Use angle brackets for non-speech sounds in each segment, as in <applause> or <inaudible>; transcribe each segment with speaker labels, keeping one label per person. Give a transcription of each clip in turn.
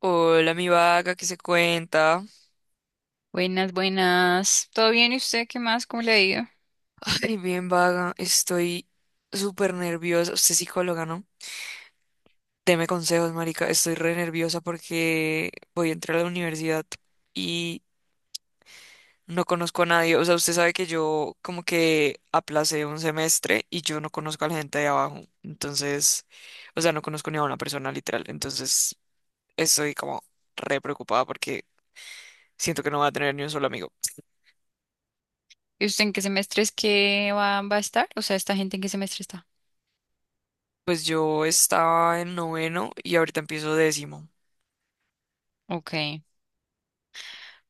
Speaker 1: Hola, mi vaga, ¿qué se cuenta?
Speaker 2: Buenas, buenas. ¿Todo bien? ¿Y usted qué más? ¿Cómo le ha ido?
Speaker 1: Ay, bien vaga, estoy súper nerviosa. Usted es psicóloga, ¿no? Deme consejos, marica. Estoy re nerviosa porque voy a entrar a la universidad y no conozco a nadie. O sea, usted sabe que yo como que aplacé un semestre y yo no conozco a la gente de abajo. Entonces, o sea, no conozco ni a una persona literal. Entonces, estoy como re preocupada porque siento que no voy a tener ni un solo amigo.
Speaker 2: ¿Y usted en qué semestre es? ¿Va a estar? O sea, ¿esta gente en qué semestre está?
Speaker 1: Pues yo estaba en noveno y ahorita empiezo décimo.
Speaker 2: Ok,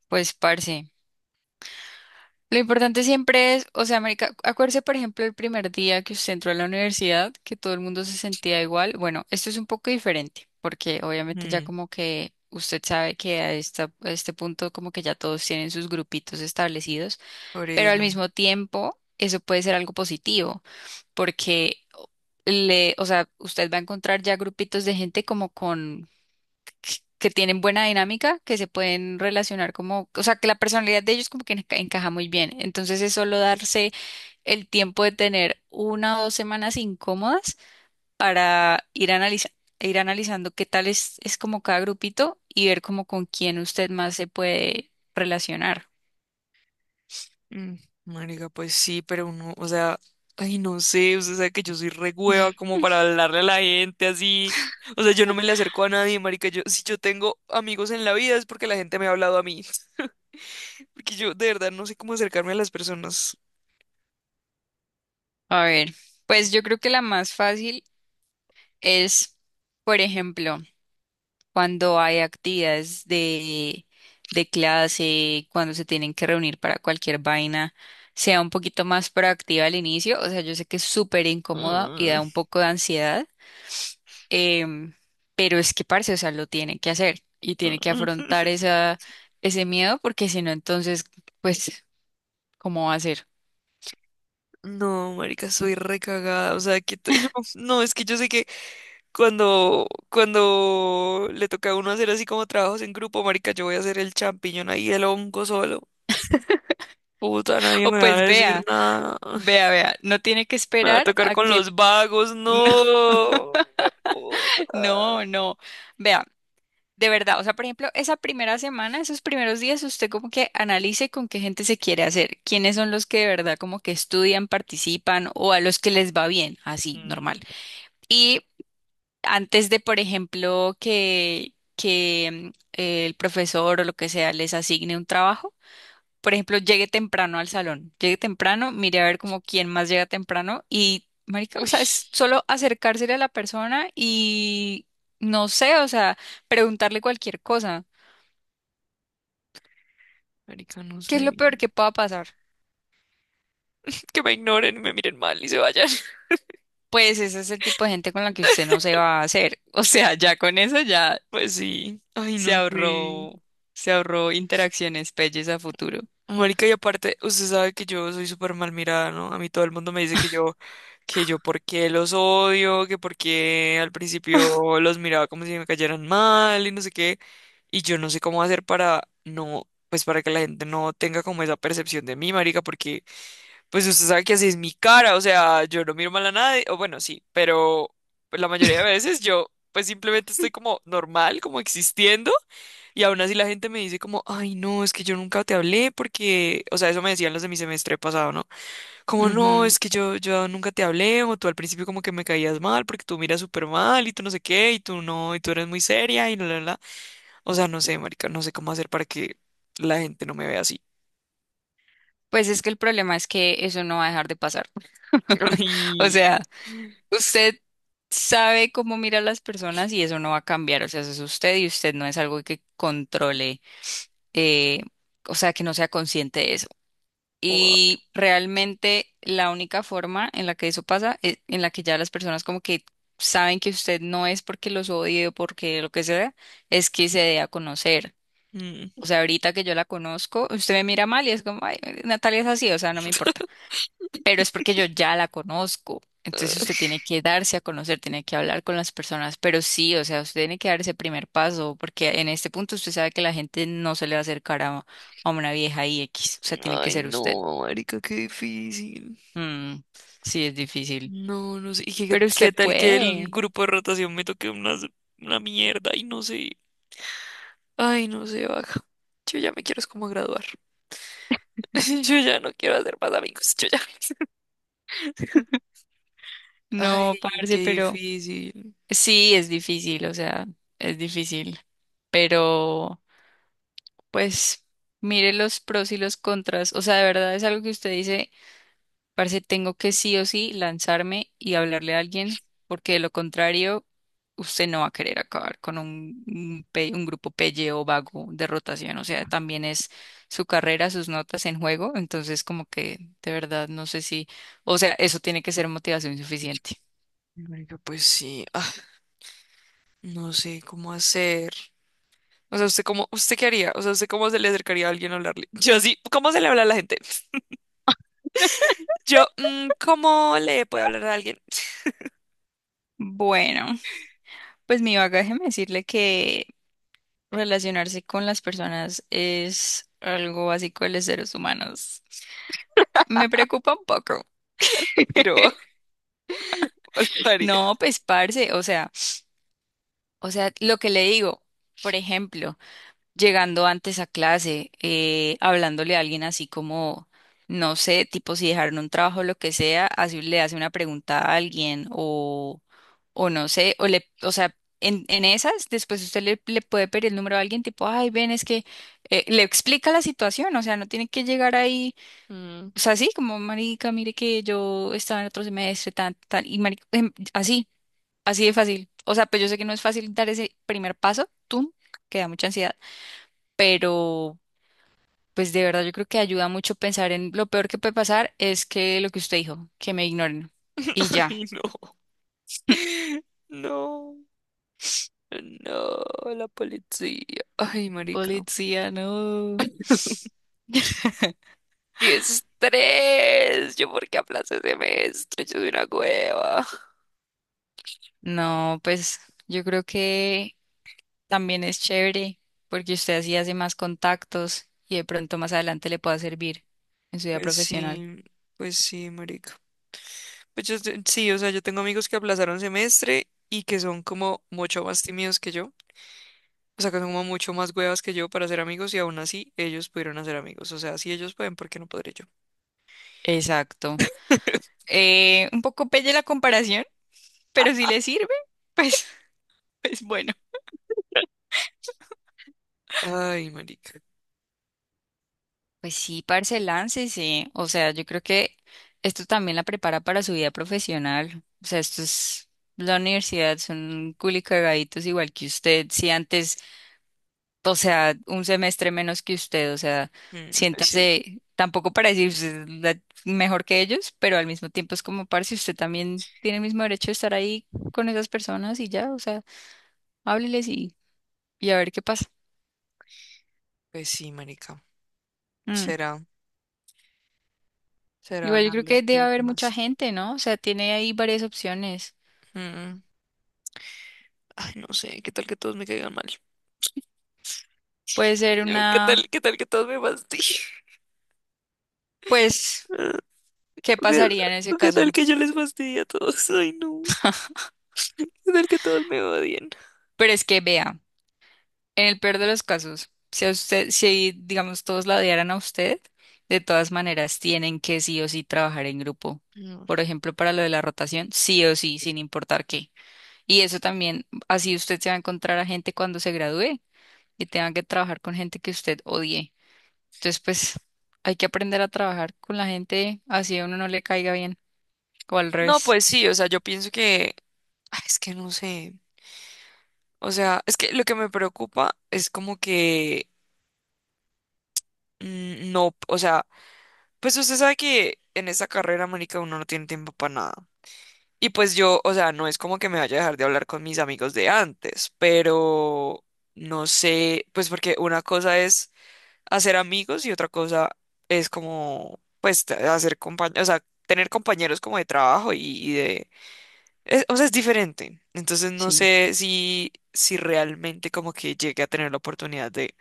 Speaker 2: pues parce. Lo importante siempre es, o sea, marica, acuérdese, por ejemplo, el primer día que usted entró a la universidad, que todo el mundo se sentía igual. Bueno, esto es un poco diferente, porque obviamente ya
Speaker 1: Mm,
Speaker 2: como que usted sabe que a este punto como que ya todos tienen sus grupitos establecidos,
Speaker 1: por
Speaker 2: pero al
Speaker 1: eso.
Speaker 2: mismo tiempo eso puede ser algo positivo, porque le, o sea, usted va a encontrar ya grupitos de gente como con que tienen buena dinámica, que se pueden relacionar como, o sea, que la personalidad de ellos como que encaja muy bien. Entonces es solo darse el tiempo de tener una o dos semanas incómodas para ir analizando qué tal es como cada grupito y ver como con quién usted más se puede relacionar.
Speaker 1: Mm, marica, pues sí, pero uno, o sea, ay, no sé, o sea, que yo soy re hueva
Speaker 2: <laughs>
Speaker 1: como para hablarle a la gente así. O sea, yo no me le acerco a nadie, marica. Yo, si yo tengo amigos en la vida es porque la gente me ha hablado a mí. <laughs> Porque yo de verdad no sé cómo acercarme a las personas.
Speaker 2: A ver, pues yo creo que la más fácil es, por ejemplo, cuando hay actividades de clase, cuando se tienen que reunir para cualquier vaina, sea un poquito más proactiva al inicio. O sea, yo sé que es súper incómodo y da un
Speaker 1: <laughs> Mm,
Speaker 2: poco de ansiedad, em, pero es que, parce, o sea, lo tiene que hacer y tiene que
Speaker 1: mm.
Speaker 2: afrontar ese miedo porque si no, entonces, pues, ¿cómo va a ser?
Speaker 1: No, marica, soy recagada. O sea, <laughs> no, no, es que yo sé que cuando le toca a uno hacer así como trabajos en grupo, marica, yo voy a hacer el champiñón ahí, el hongo solo. Puta,
Speaker 2: <laughs>
Speaker 1: nadie
Speaker 2: O
Speaker 1: me va a
Speaker 2: pues
Speaker 1: decir
Speaker 2: vea,
Speaker 1: nada.
Speaker 2: vea, no tiene que
Speaker 1: Me va a
Speaker 2: esperar
Speaker 1: tocar
Speaker 2: a
Speaker 1: con
Speaker 2: que...
Speaker 1: los vagos,
Speaker 2: <laughs>
Speaker 1: no.
Speaker 2: No, no, no. Vea. De verdad, o sea, por ejemplo, esa primera semana, esos primeros días, usted como que analice con qué gente se quiere hacer, quiénes son los que de verdad como que estudian, participan o a los que les va bien, así,
Speaker 1: Mm,
Speaker 2: normal. Y antes de, por ejemplo, que mm, el profesor o lo que sea les asigne un trabajo, por ejemplo, llegue temprano al salón, llegue temprano, mire a ver como quién más llega temprano y, marica, o
Speaker 1: uy,
Speaker 2: sea, es solo acercársele a la persona y, no sé, o sea, preguntarle cualquier cosa.
Speaker 1: marica, no
Speaker 2: ¿Qué
Speaker 1: sé.
Speaker 2: es lo peor que pueda pasar?
Speaker 1: <laughs> Que me ignoren y me miren mal y se vayan. <laughs>
Speaker 2: Pues ese es el tipo de gente con la que usted no se va a hacer. <laughs> O sea, ya con eso ya
Speaker 1: Pues sí. Ay,
Speaker 2: se
Speaker 1: no sé.
Speaker 2: ahorró, se ahorró interacciones pelles a futuro.
Speaker 1: Marica, y aparte, usted sabe que yo soy súper mal mirada, ¿no? A mí todo el mundo me dice que yo por qué los odio, que por qué al
Speaker 2: <laughs>
Speaker 1: principio los miraba como si me cayeran mal y no sé qué. Y yo no sé cómo hacer para no, pues para que la gente no tenga como esa percepción de mí, marica, porque pues usted sabe que así es mi cara, o sea, yo no miro mal a nadie, o bueno, sí, pero pues, la mayoría de veces yo pues simplemente estoy como normal, como existiendo, y aún así la gente me dice como, ay, no, es que yo nunca te hablé porque, o sea, eso me decían los de mi semestre pasado, ¿no? Como, no,
Speaker 2: Ujú.
Speaker 1: es que yo nunca te hablé, o tú al principio como que me caías mal porque tú miras súper mal y tú no sé qué, y tú no, y tú eres muy seria y la, la, la. O sea, no sé, marica, no sé cómo hacer para que la gente no me vea así.
Speaker 2: Pues es que el problema es que eso no va a dejar de pasar.
Speaker 1: <laughs>
Speaker 2: <laughs> O
Speaker 1: Y...
Speaker 2: sea, usted sabe cómo mira a las personas y eso no va a cambiar. O sea, eso es usted y usted no es algo que controle, eh, o sea, que no sea consciente de eso.
Speaker 1: wow.
Speaker 2: Y realmente la única forma en la que eso pasa es en la que ya las personas como que saben que usted no es porque los odie o porque lo que sea, es que se dé a conocer. O sea, ahorita que yo la conozco, usted me mira mal y es como, ay, Natalia es así, o sea, no me importa. Pero es porque yo ya la conozco. Entonces usted tiene que darse a conocer, tiene que hablar con las personas, pero sí, o sea, usted tiene que dar ese primer paso, porque en este punto usted sabe que la gente no se le va a acercar a una vieja y X, o sea, tiene que
Speaker 1: Ay,
Speaker 2: ser usted.
Speaker 1: no, marica, qué difícil.
Speaker 2: Mm, sí, es difícil,
Speaker 1: No, no sé. ¿Y qué,
Speaker 2: pero
Speaker 1: qué
Speaker 2: usted
Speaker 1: tal que el
Speaker 2: puede.
Speaker 1: grupo de rotación me toque una mierda? Y no sé. Ay, no sé, baja. Yo ya me quiero es como graduar. <laughs> Yo ya no quiero hacer más amigos. Yo ya. <laughs>
Speaker 2: No,
Speaker 1: Ay,
Speaker 2: parce,
Speaker 1: qué
Speaker 2: pero
Speaker 1: difícil.
Speaker 2: sí, es difícil, o sea, es difícil, pero pues mire los pros y los contras, o sea, de verdad es algo que usted dice. Parce, tengo que sí o sí lanzarme y hablarle a alguien, porque de lo contrario, usted no va a querer acabar con un grupo pelle o vago de rotación. O sea, también es su carrera, sus notas en juego. Entonces, como que de verdad no sé si, o sea, eso tiene que ser motivación suficiente.
Speaker 1: Marica, pues sí. Ah, no sé cómo hacer. O sea, ¿usted cómo, usted qué haría? O sea, ¿usted cómo se le acercaría a alguien a hablarle? Yo así, ¿cómo se le habla a la gente? Yo, ¿cómo le puedo hablar a alguien?
Speaker 2: Bueno, pues mi bagaje me decirle que relacionarse con las personas es algo básico de los seres humanos. Me preocupa un poco.
Speaker 1: <laughs> Pero, <laughs>
Speaker 2: No, pues parce, o sea. O sea, lo que le digo, por ejemplo, llegando antes a clase, hablándole a alguien así como, no sé, tipo si dejaron un trabajo o lo que sea, así le hace una pregunta a alguien o no sé, o le, o sea, en esas, después usted le puede pedir el número a alguien tipo, ay, ven, es que le explica la situación, o sea, no tiene que llegar ahí,
Speaker 1: mm.
Speaker 2: o sea, así como, marica, mire que yo estaba en otro semestre, tan, tan, y marica, así. Así de fácil. O sea, pues yo sé que no es fácil dar ese primer paso, tú, que da mucha ansiedad, pero pues de verdad yo creo que ayuda mucho pensar en lo peor que puede pasar es que lo que usted dijo, que me ignoren. Y
Speaker 1: <laughs>
Speaker 2: ya.
Speaker 1: Ay, no. No. No, la policía. Ay, marica.
Speaker 2: Policía, no.
Speaker 1: ¡Qué estrés! ¿Yo por qué aplacé semestre? Yo soy una cueva.
Speaker 2: No, pues yo creo que también es chévere porque usted así hace más contactos y de pronto más adelante le pueda servir en su vida
Speaker 1: Pues
Speaker 2: profesional.
Speaker 1: sí, pues sí, marica. Sí, o sea, yo tengo amigos que aplazaron semestre y que son como mucho más tímidos que yo. O sea, que son como mucho más huevas que yo para ser amigos y aún así ellos pudieron hacer amigos. O sea, si ellos pueden, ¿por qué no podré yo?
Speaker 2: Exacto.
Speaker 1: <laughs>
Speaker 2: Un poco pelle la comparación, pero si le sirve, pues, <laughs> pues bueno.
Speaker 1: Ay, marica.
Speaker 2: Pues sí, parce, láncese. O sea, yo creo que esto también la prepara para su vida profesional. O sea, esto es la universidad, son culicagaditos igual que usted. Si antes, o sea, un semestre menos que usted, o sea,
Speaker 1: Mm,
Speaker 2: siéntase, tampoco para decir usted es mejor que ellos, pero al mismo tiempo es como, parce, usted también tiene el mismo derecho de estar ahí con esas personas y ya, o sea, hábleles y a ver qué pasa.
Speaker 1: pues sí, marica.
Speaker 2: Mm.
Speaker 1: Será. Será
Speaker 2: Igual yo creo
Speaker 1: hablarles
Speaker 2: que debe
Speaker 1: muy
Speaker 2: haber mucha
Speaker 1: más.
Speaker 2: gente, ¿no? O sea, tiene ahí varias opciones.
Speaker 1: Mm, ay, no sé, ¿qué tal que todos me caigan mal?
Speaker 2: Puede ser
Speaker 1: <laughs>
Speaker 2: una,
Speaker 1: Qué tal que todos me fastidien? <laughs>
Speaker 2: pues, ¿qué
Speaker 1: ¿O qué,
Speaker 2: pasaría en ese
Speaker 1: o qué tal
Speaker 2: caso?
Speaker 1: que yo les fastidie a todos? Ay, no. ¿Qué tal que todos me odien?
Speaker 2: Pero es que vea, en el peor de los casos, si a usted, si digamos todos la odiaran a usted, de todas maneras tienen que sí o sí trabajar en grupo.
Speaker 1: No,
Speaker 2: Por ejemplo, para lo de la rotación, sí o sí, sin importar qué. Y eso también, así usted se va a encontrar a gente cuando se gradúe y tenga que trabajar con gente que usted odie. Entonces, pues, hay que aprender a trabajar con la gente así a uno no le caiga bien o al
Speaker 1: no,
Speaker 2: revés.
Speaker 1: pues sí, o sea, yo pienso que... Ay, es que no sé. O sea, es que lo que me preocupa es como que... no, o sea, pues usted sabe que en esa carrera, marica, uno no tiene tiempo para nada. Y pues yo, o sea, no es como que me vaya a dejar de hablar con mis amigos de antes, pero no sé, pues porque una cosa es hacer amigos y otra cosa es como, pues, hacer compañeros, o sea, tener compañeros como de trabajo o sea, es diferente. Entonces no
Speaker 2: Sí.
Speaker 1: sé si, si realmente como que llegue a tener la oportunidad de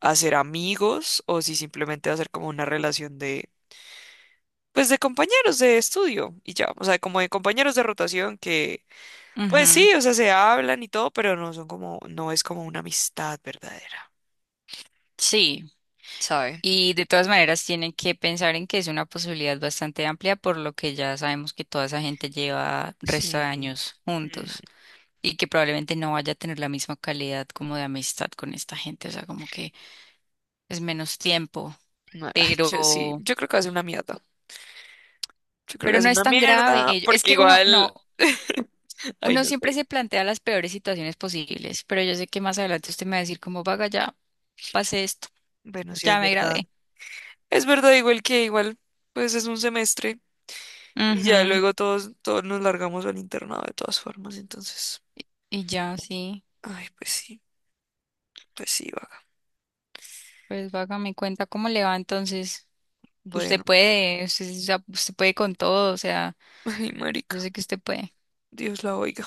Speaker 1: hacer amigos o si simplemente hacer como una relación de, pues, de compañeros de estudio y ya, o sea, como de compañeros de rotación que pues
Speaker 2: Ujú.
Speaker 1: sí, o sea, se hablan y todo, pero no son como, no es como una amistad verdadera.
Speaker 2: Sí,
Speaker 1: ¿Sabes?
Speaker 2: y de todas maneras tienen que pensar en que es una posibilidad bastante amplia, por lo que ya sabemos que toda esa gente lleva resto de
Speaker 1: Sí.
Speaker 2: años
Speaker 1: Mm,
Speaker 2: juntos y que probablemente no vaya a tener la misma calidad como de amistad con esta gente, o sea, como que es menos tiempo,
Speaker 1: no, <laughs> ay, yo sí,
Speaker 2: pero,
Speaker 1: yo creo que va a ser una mierda. Yo creo que va
Speaker 2: pero
Speaker 1: a
Speaker 2: no
Speaker 1: ser
Speaker 2: es
Speaker 1: una
Speaker 2: tan grave.
Speaker 1: mierda,
Speaker 2: Es
Speaker 1: porque
Speaker 2: que uno,
Speaker 1: igual.
Speaker 2: no,
Speaker 1: <laughs> Ay,
Speaker 2: uno
Speaker 1: no
Speaker 2: siempre se
Speaker 1: sé.
Speaker 2: plantea las peores situaciones posibles, pero yo sé que más adelante usted me va a decir como, vaga, ya pasé esto,
Speaker 1: Bueno, sí
Speaker 2: ya
Speaker 1: es
Speaker 2: me
Speaker 1: verdad.
Speaker 2: gradué.
Speaker 1: Es verdad, igual que igual, pues es un semestre y ya
Speaker 2: Ujú,
Speaker 1: luego todos, todos nos largamos al internado de todas formas, entonces.
Speaker 2: y ya, sí,
Speaker 1: Ay, pues sí, vaga.
Speaker 2: pues vaga, me cuenta cómo le va entonces. Usted
Speaker 1: Bueno,
Speaker 2: puede, usted, o sea, usted puede con todo, o sea,
Speaker 1: <laughs> ay,
Speaker 2: yo
Speaker 1: marica,
Speaker 2: sé que usted puede.
Speaker 1: Dios la oiga.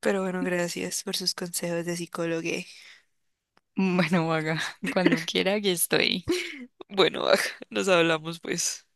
Speaker 1: Pero bueno, gracias por sus consejos de psicólogo.
Speaker 2: Bueno, haga <laughs> cuando quiera, aquí estoy.
Speaker 1: Bueno, <laughs> nos hablamos pues.